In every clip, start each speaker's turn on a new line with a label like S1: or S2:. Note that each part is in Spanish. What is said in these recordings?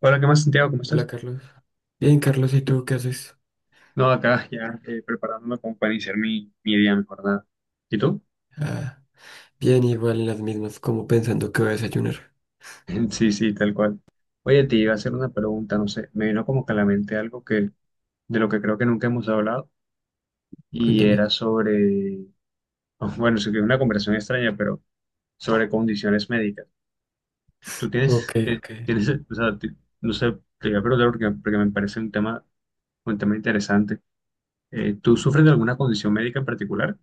S1: Hola, ¿qué más, Santiago? ¿Cómo
S2: Hola
S1: estás?
S2: Carlos. Bien, Carlos, ¿y tú qué haces?
S1: No, acá ya preparándome como para iniciar mi día, mi jornada. ¿Y tú?
S2: Ah, bien, igual en las mismas, como pensando que voy a desayunar.
S1: Sí, sí, tal cual. Oye, te iba a hacer una pregunta, no sé, me vino como que a la mente algo que, de lo que creo que nunca hemos hablado, y
S2: Cuéntame.
S1: era sobre, bueno, sé que es una conversación extraña, pero sobre condiciones médicas. Tú
S2: Ok,
S1: tienes,
S2: ok.
S1: tienes, o sea, no sé, te iba a preguntar porque me parece un tema interesante. ¿Tú sufres de alguna condición médica en particular?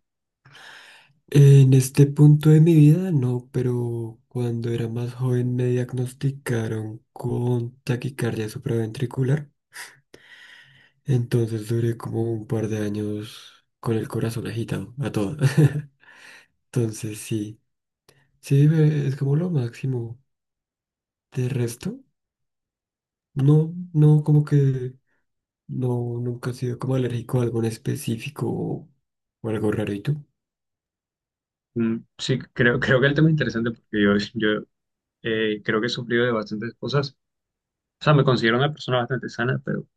S2: En este punto de mi vida, no, pero cuando era más joven me diagnosticaron con taquicardia supraventricular. Entonces duré como un par de años con el corazón agitado, a todo. Entonces sí, sí, es como lo máximo. De resto, no, no, como que no, nunca he sido como alérgico a algo en específico o algo raro. ¿Y tú?
S1: Sí, creo que el tema es interesante porque yo, yo creo que he sufrido de bastantes cosas. O sea, me considero una persona bastante sana,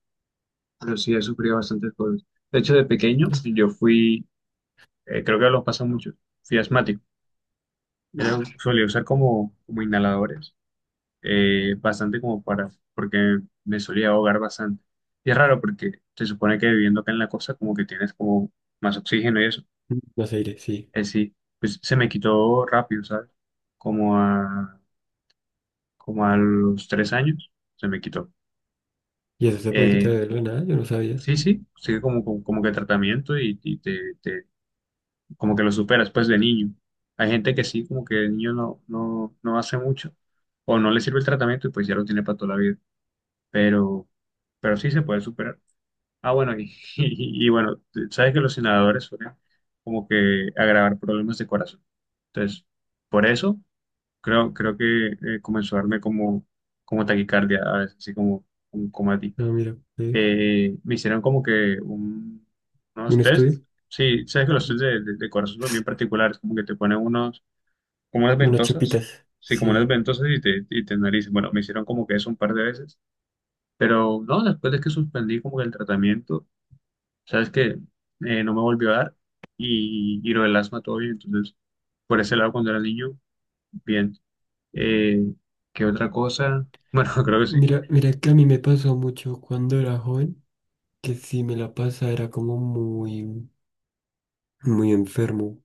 S1: pero sí he sufrido bastantes cosas. De hecho, de pequeño, yo fui, creo que lo pasa mucho, fui asmático.
S2: No.
S1: Era, solía usar como inhaladores, bastante como para, porque me solía ahogar bastante. Y es raro porque se supone que viviendo acá en la costa, como que tienes como más oxígeno y eso.
S2: Más aire, sí.
S1: Es sí, pues se me quitó rápido, ¿sabes? Como a, como a los 3 años, se me quitó.
S2: ¿Y eso se puede quitar
S1: Eh,
S2: de la nada? Yo no sabía.
S1: Sí, sí, sigue como que tratamiento y te, como que lo superas pues de niño. Hay gente que sí, como que de niño no, no hace mucho o no le sirve el tratamiento y pues ya lo tiene para toda la vida, pero, pero sí se puede superar. Ah, bueno, y, y bueno, sabes que los inhaladores suelen como que agravar problemas de corazón. Entonces, por eso creo, creo que comenzó a darme como, como taquicardia a veces, así como a ti
S2: Ah, mira, pues,
S1: me hicieron como que unos
S2: un
S1: tests.
S2: estudio.
S1: Sí, sabes que los tests de corazón son bien particulares, como que te ponen unos, como unas
S2: Unas
S1: ventosas,
S2: chupitas,
S1: sí, como unas
S2: sí.
S1: ventosas y te analizan. Bueno, me hicieron como que eso un par de veces, pero no, después de que suspendí como que el tratamiento, sabes que no me volvió a dar y lo del asma todo bien, entonces por ese lado cuando era niño, bien. Eh, ¿Qué otra cosa? Bueno, creo que sí.
S2: Mira, mira que a mí me pasó mucho cuando era joven, que si me la pasa era como muy, muy enfermo.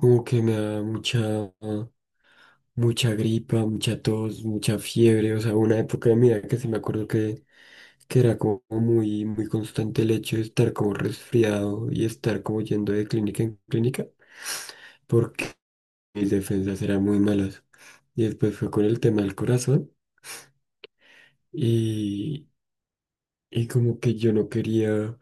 S2: Como que me da mucha, mucha gripa, mucha tos, mucha fiebre. O sea, una época de mi vida que sí me acuerdo que era como muy, muy constante el hecho de estar como resfriado y estar como yendo de clínica en clínica, porque mis defensas eran muy malas. Y después fue con el tema del corazón y, y como que yo no quería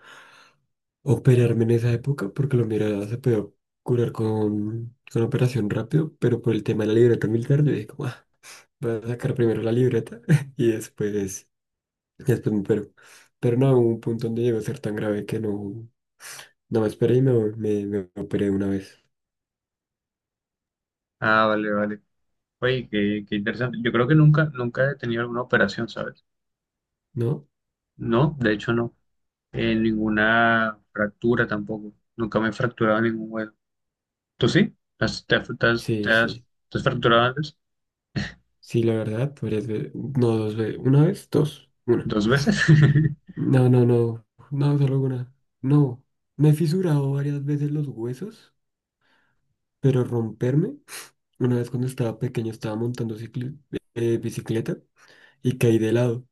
S2: operarme en esa época porque lo mira se podía curar con operación rápido, pero por el tema de la libreta militar yo dije como, ah, voy a sacar primero la libreta y después, después me opero. Pero no, hubo un punto donde llegó a ser tan grave que no. No me esperé y me operé una vez,
S1: Ah, vale, vale. Oye, qué, qué interesante. Yo creo que nunca, nunca he tenido alguna operación, ¿sabes?
S2: ¿no?
S1: No, de hecho no. Ninguna fractura tampoco. Nunca me he fracturado ningún hueso. ¿Tú sí? ¿Te has,
S2: Sí, sí.
S1: te has fracturado antes?
S2: Sí, la verdad, varias veces. No, dos veces. ¿Una vez? Dos. Una.
S1: ¿Dos veces?
S2: No, no, no. No, solo una. No. Me he fisurado varias veces los huesos, pero romperme. Una vez cuando estaba pequeño estaba montando bicicleta y caí de lado.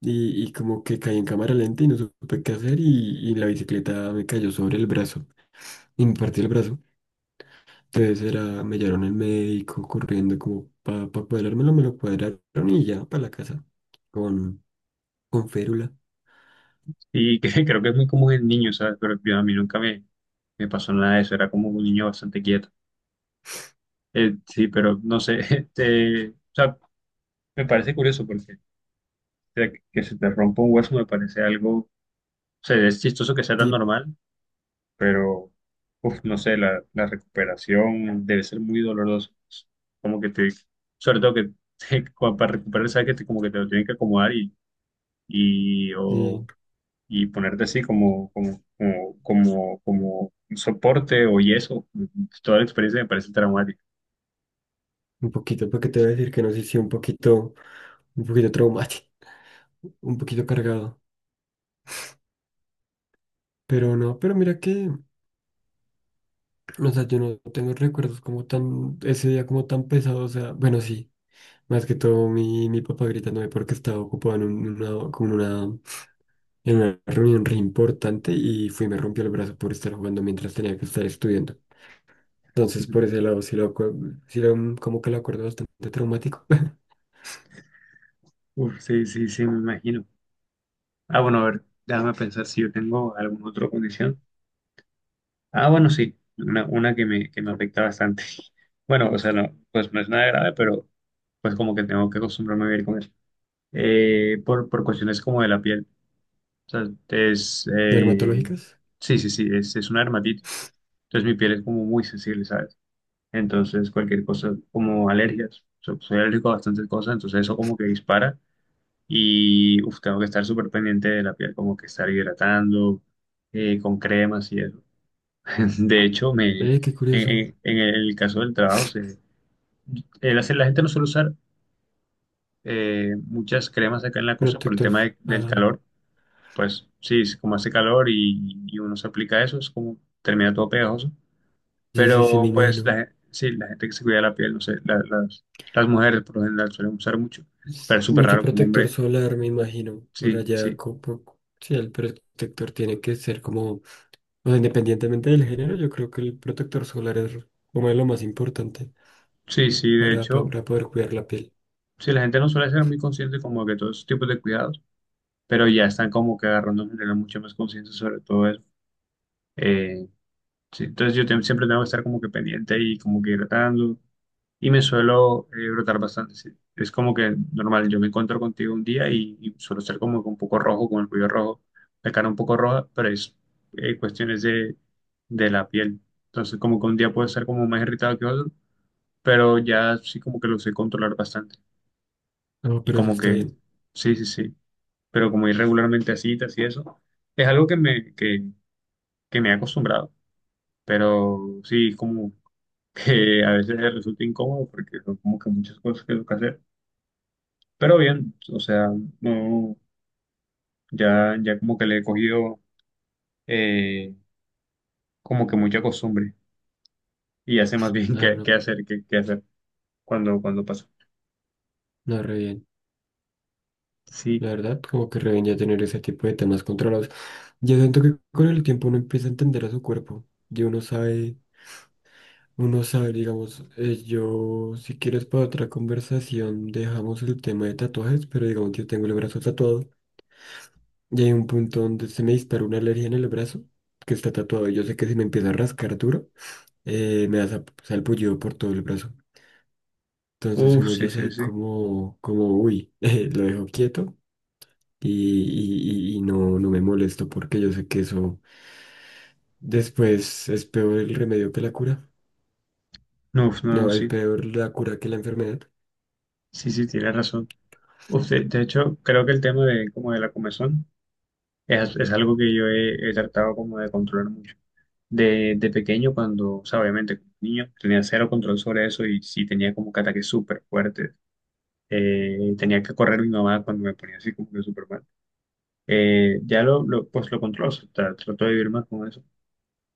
S2: Y como que caí en cámara lenta y no supe qué hacer y la bicicleta me cayó sobre el brazo. Y me partí el brazo. Entonces era, me llevaron el médico corriendo como para pa cuadrármelo, me lo cuadraron y ya para la casa con, con férula.
S1: Y que, creo que es muy común en niños, ¿sabes? Pero yo, a mí nunca me, me pasó nada de eso. Era como un niño bastante quieto. Sí, pero no sé. este, o sea, me parece curioso porque o sea, que se te rompa un hueso me parece algo... O sea, es chistoso que sea tan
S2: Sí,
S1: normal pero uf, no sé, la recuperación debe ser muy dolorosa. Como que te, sobre todo que como para recuperar, sabes que te, como que te lo tienen que acomodar y,
S2: sí,
S1: o, y ponerte así como un soporte o yeso. Toda la experiencia me parece traumática.
S2: un poquito, porque te voy a decir que no sé si un poquito, un poquito traumático, un poquito cargado. Pero no, pero mira que, o sea, yo no tengo recuerdos como tan, ese día como tan pesado, o sea, bueno, sí, más que todo mi, mi papá gritándome porque estaba ocupado en una, como en una reunión re importante y fui y me rompió el brazo por estar jugando mientras tenía que estar estudiando. Entonces, por ese lado, sí lo, como que lo acuerdo bastante traumático.
S1: Uf, sí, sí, sí, me imagino. Ah, bueno, a ver, déjame pensar si yo tengo alguna otra condición. Ah, bueno, sí, una que me afecta bastante. Bueno, o sea, no, pues no es nada grave, pero pues como que tengo que acostumbrarme a vivir con eso. Por cuestiones como de la piel. O sea, es,
S2: Dermatológicas.
S1: sí, sí, sí, es una dermatitis. Entonces mi piel es como muy sensible, ¿sabes? Entonces cualquier cosa, como alergias. Soy alérgico a bastantes cosas, entonces eso como que dispara y uf, tengo que estar súper pendiente de la piel, como que estar hidratando con cremas y eso. De hecho, me, en,
S2: Qué curioso.
S1: en el caso del trabajo, se, el la gente no suele usar muchas cremas acá en la costa por el
S2: Protector.
S1: tema del
S2: Ah,
S1: calor. Pues sí, es como hace calor y uno se aplica eso, es como termina todo pegajoso.
S2: sí, sí, sí, me
S1: Pero pues la,
S2: imagino.
S1: sí, la gente que se cuida la piel, no sé, las mujeres por lo general suelen usar mucho, pero
S2: Es
S1: es súper
S2: mucho
S1: raro como
S2: protector
S1: hombre.
S2: solar, me imagino. Por
S1: Sí,
S2: allá, sí, el protector tiene que ser como, o sea, independientemente del género, yo creo que el protector solar es como lo más importante
S1: sí, de
S2: para,
S1: hecho,
S2: para poder cuidar la piel.
S1: sí, la gente no suele ser muy consciente como que todos esos tipos de cuidados pero ya están como que agarrando en general mucho más conciencia sobre todo eso. Eh, sí, entonces yo siempre tengo que estar como que pendiente y como que hidratando. Y me suelo brotar bastante. Sí. Es como que normal, yo me encuentro contigo un día y suelo ser como que un poco rojo, con el cuello rojo, la cara un poco roja, pero es cuestiones de la piel. Entonces como que un día puedo estar como más irritado que otro, pero ya sí como que lo sé controlar bastante.
S2: No,
S1: Y
S2: pero eso
S1: como
S2: está
S1: que,
S2: bien.
S1: sí, pero como ir regularmente a citas y eso, es algo que me he acostumbrado. Pero sí, como que a veces resulta incómodo porque son como que muchas cosas que tengo que hacer, pero bien, o sea, no, ya, ya como que le he cogido eh, como que mucha costumbre y ya sé más bien
S2: Ah, no,
S1: qué, qué hacer cuando, cuando pasa.
S2: no, re bien.
S1: Sí,
S2: La verdad, como que revenía tener ese tipo de temas controlados. Yo siento que con el tiempo uno empieza a entender a su cuerpo. Y uno sabe, digamos, yo, si quieres para otra conversación, dejamos el tema de tatuajes, pero digamos, yo tengo el brazo tatuado. Y hay un punto donde se me dispara una alergia en el brazo, que está tatuado. Y yo sé que si me empieza a rascar duro, me da salpullido por todo el brazo. Entonces
S1: uff,
S2: uno
S1: sí,
S2: ya
S1: sí,
S2: sabe
S1: sí,
S2: como, como, uy, lo dejo quieto y, y no, no me molesto porque yo sé que eso después es peor el remedio que la cura.
S1: no, uf, no,
S2: No,
S1: no,
S2: es
S1: sí,
S2: peor la cura que la enfermedad.
S1: sí, sí, tienes razón. Uf, de hecho, creo que el tema de como de la comezón es algo que yo he, he tratado como de controlar mucho. De pequeño, cuando, o sea, obviamente, como niño, tenía cero control sobre eso y sí tenía como que ataques súper fuertes. Tenía que correr mi mamá cuando me ponía así como que súper mal. Ya lo, pues lo controlo, o sea, trato de vivir más con eso.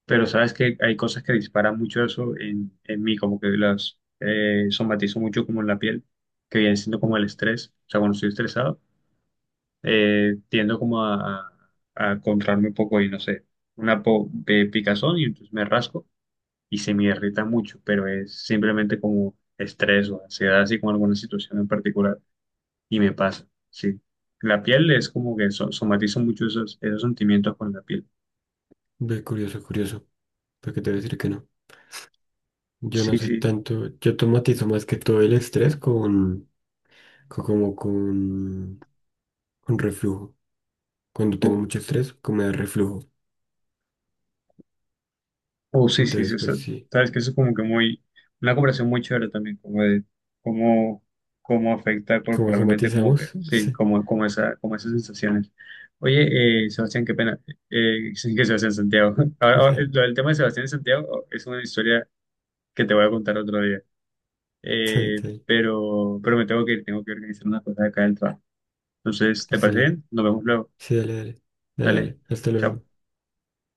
S1: Pero sabes que hay cosas que disparan mucho eso en mí, como que las somatizo mucho como en la piel, que viene siendo como
S2: Mm,
S1: el estrés. O sea, cuando estoy estresado, tiendo como a contraerme un poco y no sé, una picazón y entonces me rasco y se me irrita mucho, pero es simplemente como estrés o ansiedad, así con alguna situación en particular, y me pasa, sí. La piel es como que somatizo mucho esos, esos sentimientos con la piel.
S2: ve, curioso, curioso. Porque te voy a decir que no. Yo no
S1: Sí,
S2: soy
S1: sí.
S2: tanto, yo tomatizo más que todo el estrés con, como con reflujo. Cuando
S1: Oh,
S2: tengo mucho estrés, como me da reflujo.
S1: oh, sí, sí,
S2: Entonces,
S1: sí. O sea,
S2: pues sí,
S1: sabes que eso es como que muy, una conversación muy chévere también, como de cómo, cómo afecta
S2: como
S1: corporalmente, como que,
S2: somatizamos,
S1: sí,
S2: sí.
S1: como, como esa, como esas sensaciones. Oye, Sebastián, qué pena. Sí, que Sebastián Santiago. Ahora, ahora,
S2: Está
S1: el tema de Sebastián y Santiago oh, es una historia que te voy a contar otro día.
S2: bien, está bien.
S1: Pero me tengo que ir, tengo que organizar unas cosas acá del trabajo. Entonces, ¿te parece
S2: Sí,
S1: bien? Nos vemos luego.
S2: sí, dale, dale. Dale,
S1: Dale,
S2: dale. Hasta
S1: chao.
S2: luego.